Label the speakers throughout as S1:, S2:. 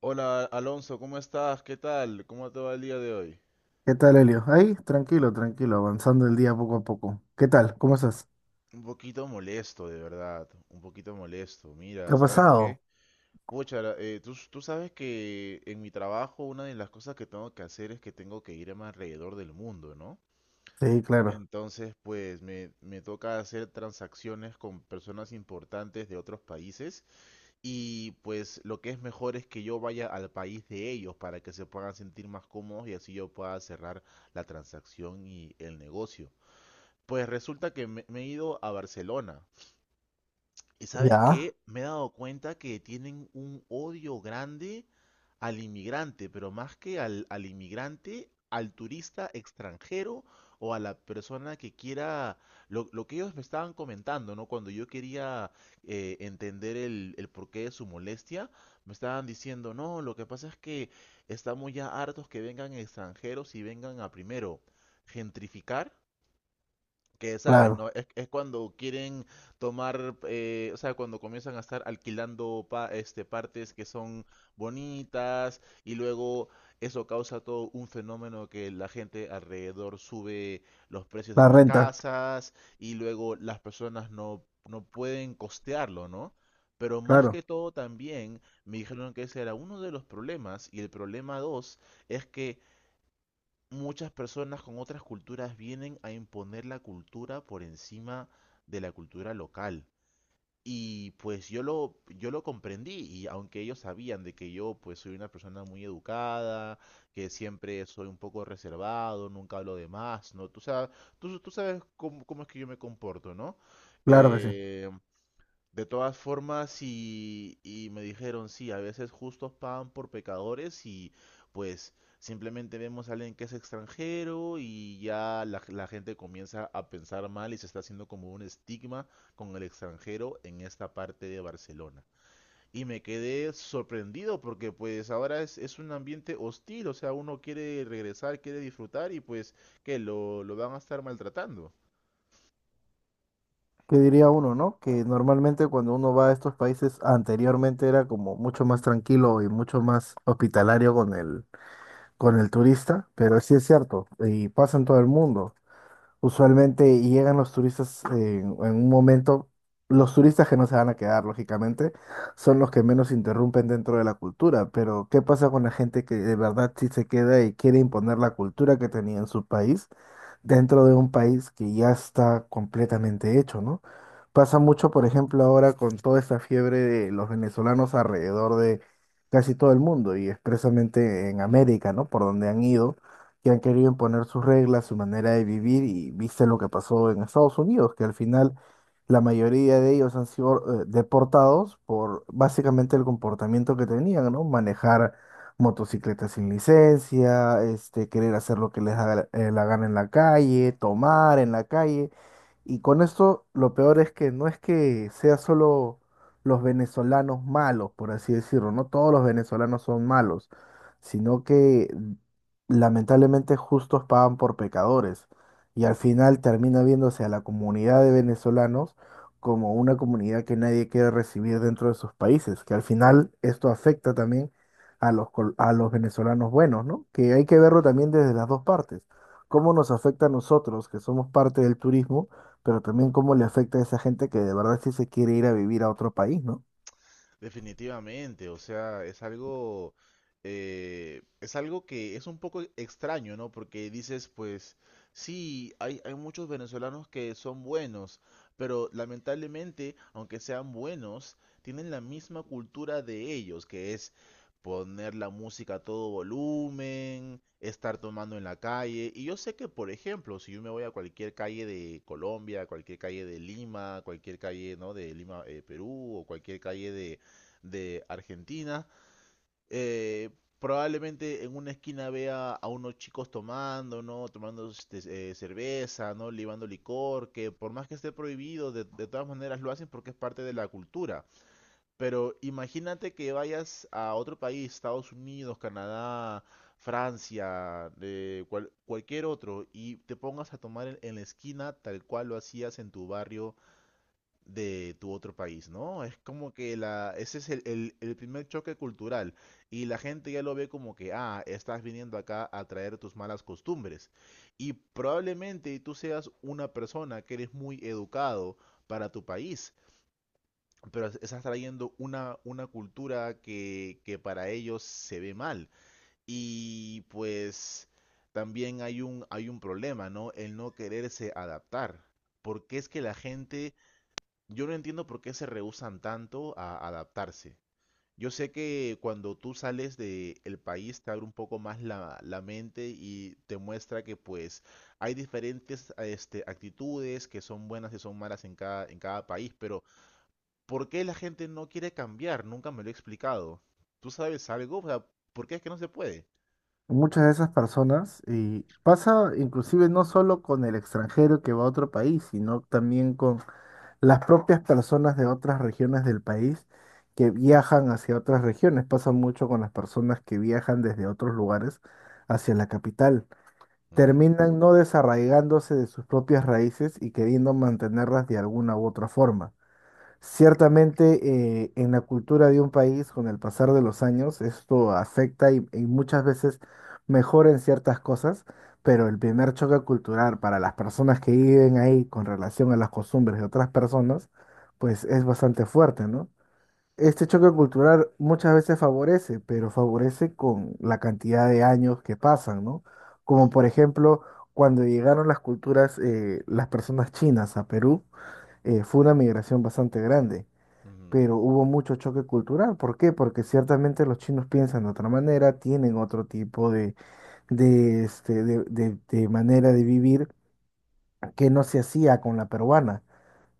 S1: Hola Alonso, ¿cómo estás? ¿Qué tal? ¿Cómo te va el día de hoy?
S2: ¿Qué tal, Helio? Ahí, tranquilo, tranquilo, avanzando el día poco a poco. ¿Qué tal? ¿Cómo estás?
S1: Un poquito molesto, de verdad, un poquito molesto. Mira,
S2: ¿Qué ha
S1: ¿sabes qué?
S2: pasado?
S1: Pucha, tú sabes que en mi trabajo una de las cosas que tengo que hacer es que tengo que irme alrededor del mundo, ¿no?
S2: Sí, claro.
S1: Entonces, pues me toca hacer transacciones con personas importantes de otros países y pues lo que es mejor es que yo vaya al país de ellos para que se puedan sentir más cómodos y así yo pueda cerrar la transacción y el negocio. Pues resulta que me he ido a Barcelona. ¿Y sabes
S2: Ya,
S1: qué? Me he dado cuenta que tienen un odio grande al inmigrante, pero más que al, inmigrante, al turista extranjero o a la persona que quiera, lo que ellos me estaban comentando, ¿no? Cuando yo quería entender el porqué de su molestia, me estaban diciendo, no, lo que pasa es que estamos ya hartos que vengan extranjeros y vengan a primero gentrificar que sabes,
S2: claro.
S1: ¿no? Es cuando quieren tomar, o sea, cuando comienzan a estar alquilando partes que son bonitas, y luego eso causa todo un fenómeno que la gente alrededor sube los precios de
S2: La
S1: las
S2: renta,
S1: casas y luego las personas no pueden costearlo, ¿no? Pero más
S2: claro,
S1: que todo también me dijeron que ese era uno de los problemas, y el problema dos es que muchas personas con otras culturas vienen a imponer la cultura por encima de la cultura local. Y pues yo lo comprendí, y aunque ellos sabían de que yo pues soy una persona muy educada, que siempre soy un poco reservado, nunca hablo de más, ¿no? Tú sabes, tú sabes cómo es que yo me comporto, ¿no?
S2: claro que sí.
S1: Eh, de todas formas, y me dijeron, sí, a veces justos pagan por pecadores, y pues simplemente vemos a alguien que es extranjero y ya la gente comienza a pensar mal, y se está haciendo como un estigma con el extranjero en esta parte de Barcelona. Y me quedé sorprendido porque pues ahora es un ambiente hostil, o sea, uno quiere regresar, quiere disfrutar, y pues que lo van a estar maltratando.
S2: ¿Qué diría uno, no? Que normalmente cuando uno va a estos países anteriormente era como mucho más tranquilo y mucho más hospitalario con el turista, pero sí es cierto, y pasa en todo el mundo. Usualmente llegan los turistas en un momento, los turistas que no se van a quedar, lógicamente, son los que menos interrumpen dentro de la cultura, pero ¿qué pasa con la gente que de verdad sí se queda y quiere imponer la cultura que tenía en su país dentro de un país que ya está completamente hecho, ¿no? Pasa mucho, por ejemplo, ahora con toda esta fiebre de los venezolanos alrededor de casi todo el mundo y expresamente en América, ¿no? Por donde han ido que han querido imponer sus reglas, su manera de vivir y viste lo que pasó en Estados Unidos, que al final la mayoría de ellos han sido deportados por básicamente el comportamiento que tenían, ¿no? Manejar motocicletas sin licencia, este, querer hacer lo que les da la la gana en la calle, tomar en la calle. Y con esto lo peor es que no es que sea solo los venezolanos malos, por así decirlo, no todos los venezolanos son malos, sino que lamentablemente justos pagan por pecadores y al final termina viéndose a la comunidad de venezolanos como una comunidad que nadie quiere recibir dentro de sus países, que al final esto afecta también a los, a los venezolanos buenos, ¿no? Que hay que verlo también desde las dos partes, cómo nos afecta a nosotros, que somos parte del turismo, pero también cómo le afecta a esa gente que de verdad sí se quiere ir a vivir a otro país, ¿no?
S1: Definitivamente, o sea, es algo que es un poco extraño, ¿no? Porque dices, pues, sí, hay muchos venezolanos que son buenos, pero lamentablemente, aunque sean buenos, tienen la misma cultura de ellos, que es poner la música a todo volumen, estar tomando en la calle. Y yo sé que, por ejemplo, si yo me voy a cualquier calle de Colombia, cualquier calle de Lima, cualquier calle, ¿no? De Lima, Perú, o cualquier calle de Argentina. Eh, Probablemente en una esquina vea a unos chicos tomando, ¿no? Tomando cerveza, ¿no? Libando licor, que por más que esté prohibido, de todas maneras lo hacen porque es parte de la cultura. Pero imagínate que vayas a otro país, Estados Unidos, Canadá, Francia, cualquier otro, y te pongas a tomar en la esquina tal cual lo hacías en tu barrio de tu otro país, ¿no? Es como que ese es el primer choque cultural, y la gente ya lo ve como que, ah, estás viniendo acá a traer tus malas costumbres. Y probablemente tú seas una persona que eres muy educado para tu país, pero estás trayendo una cultura que, para ellos se ve mal. Y pues también hay un, problema, ¿no? El no quererse adaptar. Porque es que la gente, yo no entiendo por qué se rehúsan tanto a adaptarse. Yo sé que cuando tú sales del país te abre un poco más la mente, y te muestra que pues hay diferentes actitudes que son buenas y son malas en cada, país, pero ¿por qué la gente no quiere cambiar? Nunca me lo he explicado. ¿Tú sabes algo? O sea, ¿por qué es que no se puede?
S2: Muchas de esas personas y pasa inclusive no solo con el extranjero que va a otro país, sino también con las propias personas de otras regiones del país que viajan hacia otras regiones. Pasa mucho con las personas que viajan desde otros lugares hacia la capital.
S1: Ujú,
S2: Terminan no desarraigándose de sus propias raíces y queriendo mantenerlas de alguna u otra forma. Ciertamente, en la cultura de un país, con el pasar de los años, esto afecta y muchas veces mejora en ciertas cosas, pero el primer choque cultural para las personas que viven ahí con relación a las costumbres de otras personas, pues es bastante fuerte, ¿no? Este choque cultural muchas veces favorece, pero favorece con la cantidad de años que pasan, ¿no? Como
S1: sí.
S2: por ejemplo, cuando llegaron las culturas, las personas chinas a Perú, fue una migración bastante grande,
S1: Ujú.
S2: pero hubo mucho choque cultural. ¿Por qué? Porque ciertamente los chinos piensan de otra manera, tienen otro tipo de, este, de manera de vivir que no se hacía con la peruana.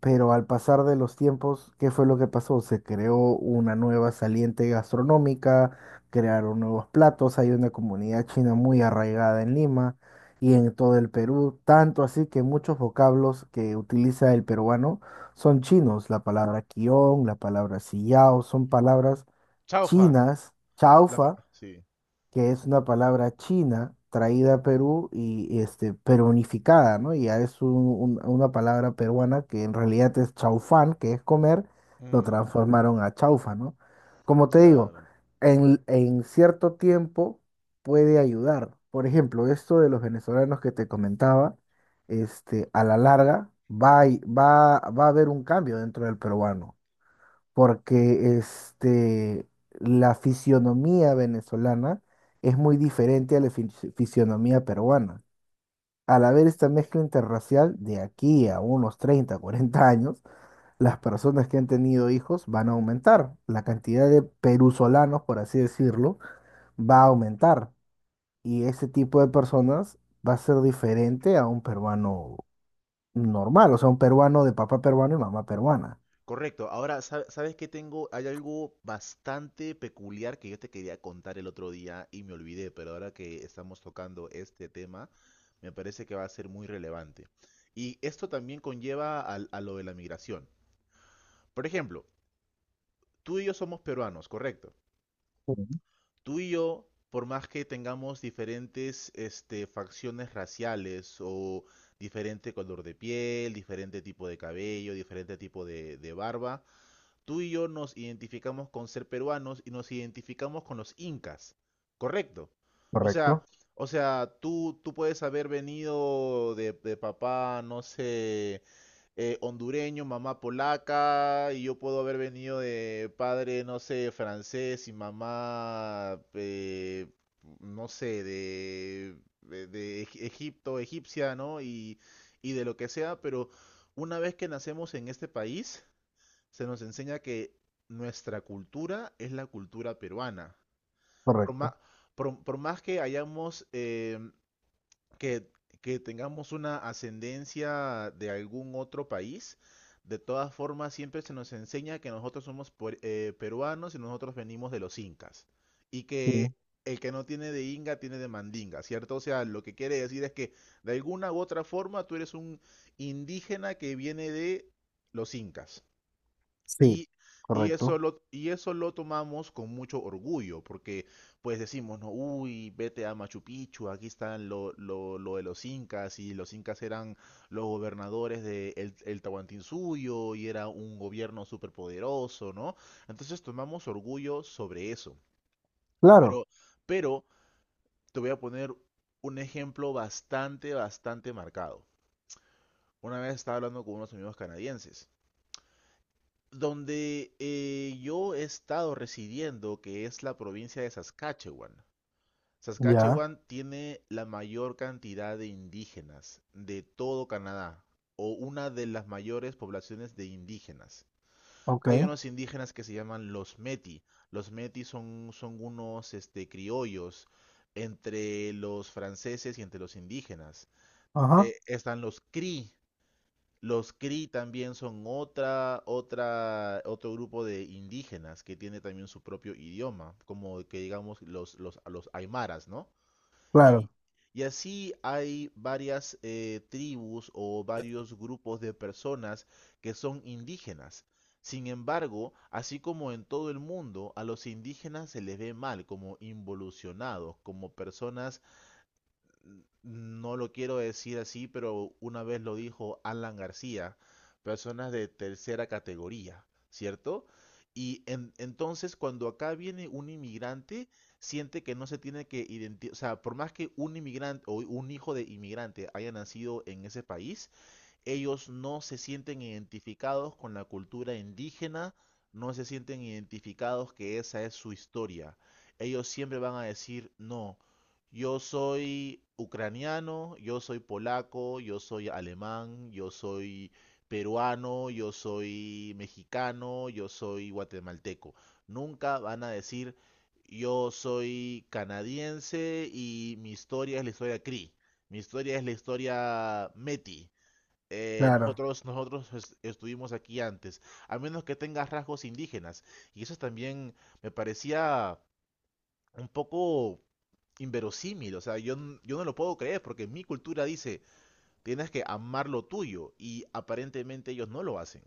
S2: Pero al pasar de los tiempos, ¿qué fue lo que pasó? Se creó una nueva saliente gastronómica, crearon nuevos platos, hay una comunidad china muy arraigada en Lima y en todo el Perú, tanto así que muchos vocablos que utiliza el peruano son chinos. La palabra quión, la palabra sillao, son palabras
S1: Chaufa.
S2: chinas, chaufa
S1: Sí.
S2: que es una palabra china traída a Perú y este, perunificada, ¿no? Y ya es una palabra peruana que en realidad es chaufán, que es comer, lo
S1: Mm,
S2: transformaron a chaufa, ¿no? Como te digo,
S1: claro.
S2: en cierto tiempo puede ayudar. Por ejemplo, esto de los venezolanos que te comentaba, este, a la larga va, va a haber un cambio dentro del peruano porque este, la fisionomía venezolana es muy diferente a la fisionomía peruana. Al haber esta mezcla interracial, de aquí a unos 30 40 años, las personas que han tenido hijos van a aumentar. La cantidad de perusolanos, por así decirlo, va a aumentar. Y ese tipo de personas va a ser diferente a un peruano normal, o sea, un peruano de papá peruano y mamá peruana.
S1: Correcto. Ahora, ¿sabes qué tengo? Hay algo bastante peculiar que yo te quería contar el otro día y me olvidé, pero ahora que estamos tocando este tema, me parece que va a ser muy relevante. Y esto también conlleva lo de la migración. Por ejemplo, tú y yo somos peruanos, correcto.
S2: Sí.
S1: Tú y yo, por más que tengamos diferentes facciones raciales o diferente color de piel, diferente tipo de cabello, diferente tipo de barba, tú y yo nos identificamos con ser peruanos y nos identificamos con los incas, ¿correcto? O sea,
S2: ¿Correcto?
S1: o sea, tú puedes haber venido de, papá, no sé, hondureño, mamá polaca, y yo puedo haber venido de padre, no sé, francés, y mamá, no sé, de, Egipto, egipcia, ¿no? Y de lo que sea, pero una vez que nacemos en este país, se nos enseña que nuestra cultura es la cultura peruana. Por más,
S2: Correcto.
S1: por más que hayamos, que, tengamos una ascendencia de algún otro país, de todas formas siempre se nos enseña que nosotros somos peruanos y nosotros venimos de los incas. Y
S2: Sí.
S1: que el que no tiene de inga tiene de mandinga, ¿cierto? O sea, lo que quiere decir es que de alguna u otra forma tú eres un indígena que viene de los incas.
S2: Sí,
S1: Y, y eso
S2: correcto.
S1: lo, y eso lo tomamos con mucho orgullo, porque pues decimos, no, uy, vete a Machu Picchu, aquí están lo, de los incas, y los incas eran los gobernadores de el, Tahuantinsuyo, y era un gobierno superpoderoso, ¿no? Entonces tomamos orgullo sobre eso.
S2: Claro,
S1: Pero, pero te voy a poner un ejemplo bastante, bastante marcado. Una vez estaba hablando con unos amigos canadienses, donde yo he estado residiendo, que es la provincia de Saskatchewan.
S2: ya,
S1: Saskatchewan tiene la mayor cantidad de indígenas de todo Canadá, o una de las mayores poblaciones de indígenas. Hay
S2: ok,
S1: unos indígenas que se llaman los Métis. Los Métis son, unos criollos entre los franceses y entre los indígenas.
S2: ajá,
S1: Están los Cree, también son otra, otro grupo de indígenas que tiene también su propio idioma, como que digamos los, aymaras, ¿no?
S2: claro,
S1: Y, y así hay varias tribus o varios grupos de personas que son indígenas. Sin embargo, así como en todo el mundo, a los indígenas se les ve mal como involucionados, como personas, no lo quiero decir así, pero una vez lo dijo Alan García, personas de tercera categoría, ¿cierto? Entonces cuando acá viene un inmigrante, siente que no se tiene que identificar, o sea, por más que un inmigrante o un hijo de inmigrante haya nacido en ese país, ellos no se sienten identificados con la cultura indígena, no se sienten identificados que esa es su historia. Ellos siempre van a decir, no, yo soy ucraniano, yo soy polaco, yo soy alemán, yo soy peruano, yo soy mexicano, yo soy guatemalteco. Nunca van a decir, yo soy canadiense y mi historia es la historia Cree, mi historia es la historia Meti,
S2: claro.
S1: nosotros, estuvimos aquí antes, a menos que tenga rasgos indígenas. Y eso también me parecía un poco inverosímil. O sea, yo no lo puedo creer porque mi cultura dice, tienes que amar lo tuyo, y aparentemente ellos no lo hacen.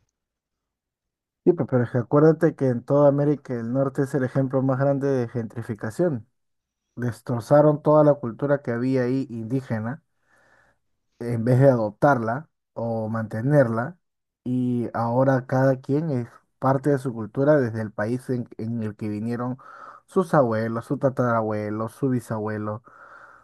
S2: Sí, pero es que acuérdate que en toda América del Norte es el ejemplo más grande de gentrificación. Destrozaron toda la cultura que había ahí indígena en vez de adoptarla o mantenerla, y ahora cada quien es parte de su cultura desde el país en el que vinieron sus abuelos, su tatarabuelo, su bisabuelo.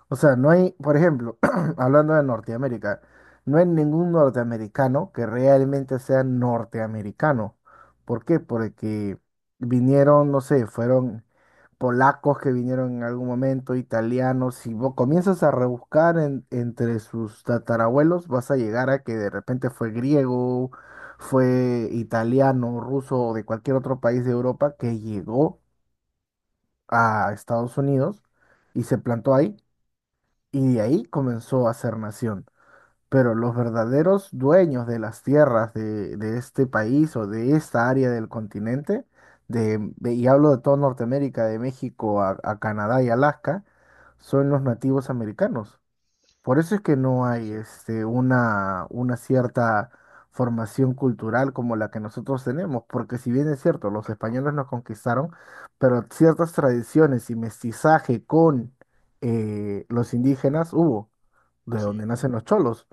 S2: O sea, no hay, por ejemplo, hablando de Norteamérica, no hay ningún norteamericano que realmente sea norteamericano. ¿Por qué? Porque vinieron, no sé, fueron polacos que vinieron en algún momento, italianos, si vos comienzas a rebuscar entre sus tatarabuelos, vas a llegar a que de repente fue griego, fue italiano, ruso o de cualquier otro país de Europa que llegó a Estados Unidos y se plantó ahí y de ahí comenzó a ser nación. Pero los verdaderos dueños de las tierras de este país o de esta área del continente, y hablo de toda Norteamérica, de México a Canadá y Alaska, son los nativos americanos. Por eso es que no
S1: Eso es
S2: hay
S1: cierto.
S2: este, una cierta formación cultural como la que nosotros tenemos, porque si bien es cierto, los españoles nos conquistaron, pero ciertas tradiciones y mestizaje con los indígenas hubo, de
S1: Sí,
S2: donde nacen los cholos,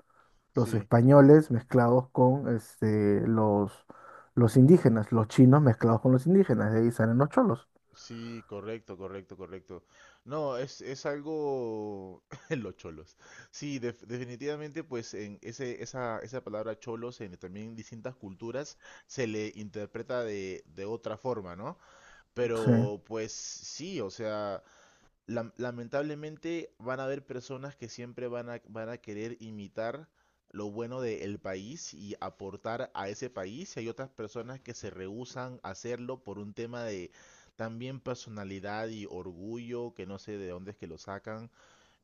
S2: los
S1: sí.
S2: españoles mezclados con este, los indígenas, los chinos mezclados con los indígenas, de ahí salen los cholos.
S1: Sí, correcto, correcto, correcto. No, es algo. Los cholos. Sí, definitivamente, pues en ese, esa palabra cholos en también distintas culturas se le interpreta de, otra forma, ¿no?
S2: Sí,
S1: Pero pues sí, o sea, lamentablemente van a haber personas que siempre van a querer imitar lo bueno del país y aportar a ese país, y hay otras personas que se rehúsan a hacerlo por un tema de también personalidad y orgullo, que no sé de dónde es que lo sacan,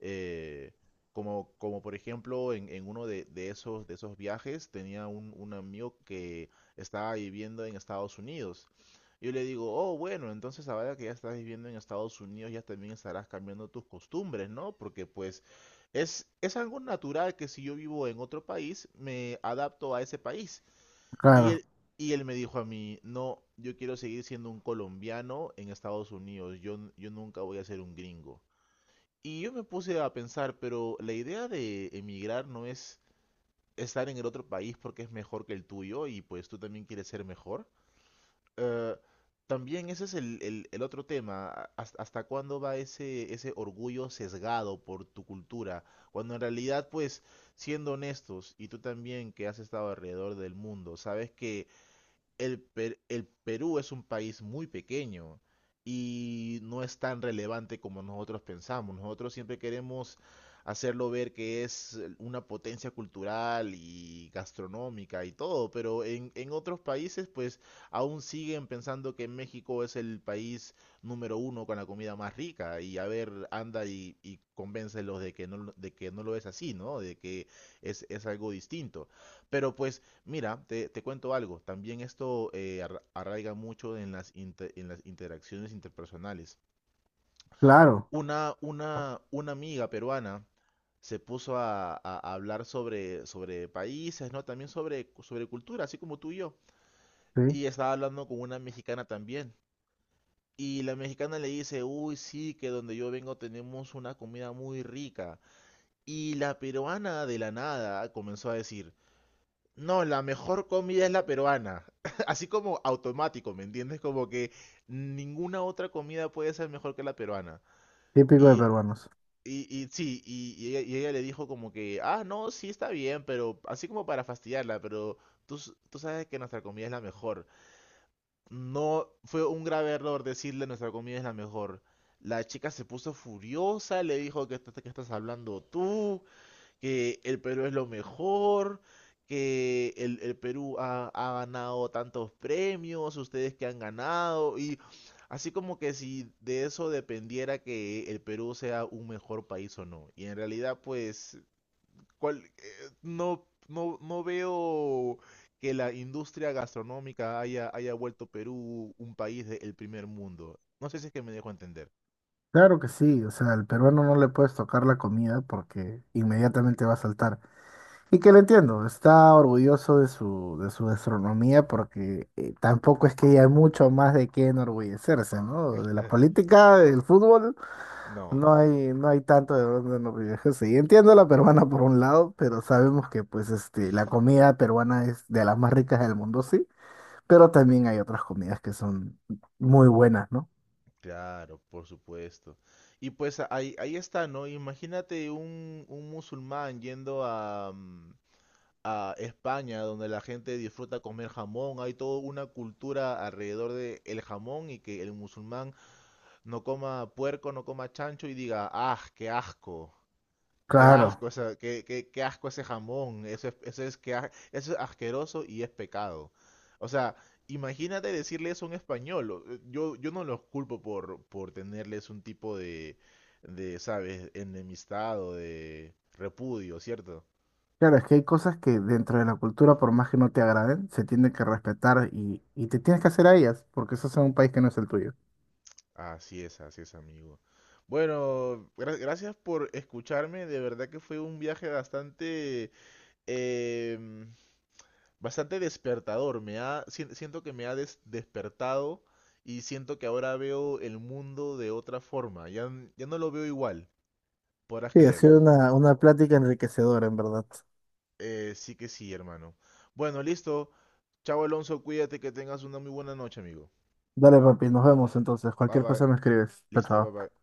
S1: eh, como, por ejemplo, en, uno de, esos viajes tenía un, amigo que estaba viviendo en Estados Unidos. Yo le digo, oh, bueno, entonces ahora que ya estás viviendo en Estados Unidos, ya también estarás cambiando tus costumbres, ¿no? Porque pues es algo natural que si yo vivo en otro país, me adapto a ese país. Y
S2: claro,
S1: él, y él me dijo a mí, no, yo quiero seguir siendo un colombiano en Estados Unidos, yo nunca voy a ser un gringo. Y yo me puse a pensar, pero la idea de emigrar no es estar en el otro país porque es mejor que el tuyo, y pues tú también quieres ser mejor. Eh, También ese es el, el otro tema, hasta cuándo va ese, orgullo sesgado por tu cultura, cuando en realidad pues, siendo honestos, y tú también que has estado alrededor del mundo, sabes que el, el Perú es un país muy pequeño y no es tan relevante como nosotros pensamos. Nosotros siempre queremos hacerlo ver que es una potencia cultural y gastronómica y todo, pero en, otros países pues aún siguen pensando que México es el país número uno con la comida más rica, y a ver, anda y convéncelos de que no, de que no lo es así, ¿no? De que es algo distinto. Pero pues, mira, te cuento algo. También esto arraiga mucho en las, interacciones interpersonales.
S2: claro,
S1: Una amiga peruana se puso a hablar sobre, países, ¿no? También sobre, cultura, así como tú y yo.
S2: sí,
S1: Y estaba hablando con una mexicana también. Y la mexicana le dice, uy, sí, que donde yo vengo tenemos una comida muy rica. Y la peruana, de la nada, comenzó a decir, no, la mejor comida es la peruana. Así como automático, ¿me entiendes? Como que ninguna otra comida puede ser mejor que la peruana.
S2: típico de
S1: Y,
S2: peruanos.
S1: y sí, y ella le dijo como que, ah, no, sí está bien, pero así como para fastidiarla, pero tú sabes que nuestra comida es la mejor. No, fue un grave error decirle nuestra comida es la mejor. La chica se puso furiosa, le dijo que, que estás hablando tú que el Perú es lo mejor, que el, Perú ha, ganado tantos premios, ustedes que han ganado, y así como que si de eso dependiera que el Perú sea un mejor país o no. Y en realidad, pues, no, no, no veo que la industria gastronómica haya, vuelto Perú un país del primer mundo. No sé si es que me dejo entender.
S2: Claro que sí, o sea, al peruano no le puedes tocar la comida porque inmediatamente va a saltar. Y que lo entiendo, está orgulloso de su gastronomía porque tampoco es que haya mucho más de qué enorgullecerse, ¿no? De la política, del fútbol.
S1: No,
S2: No hay, no hay tanto de dónde nos viajes. Sí, entiendo la peruana por un lado, pero sabemos que pues este, la comida peruana es de las más ricas del mundo, sí, pero también hay otras comidas que son muy buenas, ¿no?
S1: claro, por supuesto. Y pues ahí está, ¿no? Imagínate un, musulmán yendo a España, donde la gente disfruta comer jamón, hay toda una cultura alrededor de el jamón, y que el musulmán no coma puerco, no coma chancho y diga, ¡ah, qué asco! Qué
S2: Claro,
S1: asco, qué asco ese jamón. Eso es asqueroso y es pecado. O sea, imagínate decirle eso a un español. Yo, no los culpo por, tenerles un tipo de, ¿sabes? Enemistad o de repudio, ¿cierto?
S2: claro, es que hay cosas que dentro de la cultura, por más que no te agraden, se tienen que respetar y te tienes que hacer a ellas, porque estás en un país que no es el tuyo.
S1: Así es, amigo. Bueno, gracias por escucharme. De verdad que fue un viaje bastante em, bastante despertador. Siento que me ha despertado, y siento que ahora veo el mundo de otra forma. Ya no lo veo igual, podrás
S2: Sí, ha sido
S1: creerlo.
S2: una plática enriquecedora, en verdad.
S1: Sí que sí, hermano. Bueno, listo. Chao, Alonso, cuídate que tengas una muy buena noche, amigo.
S2: Dale, papi, nos vemos entonces.
S1: Bye
S2: Cualquier
S1: bye.
S2: cosa me escribes. Chao,
S1: Listo, bye
S2: chao.
S1: bye.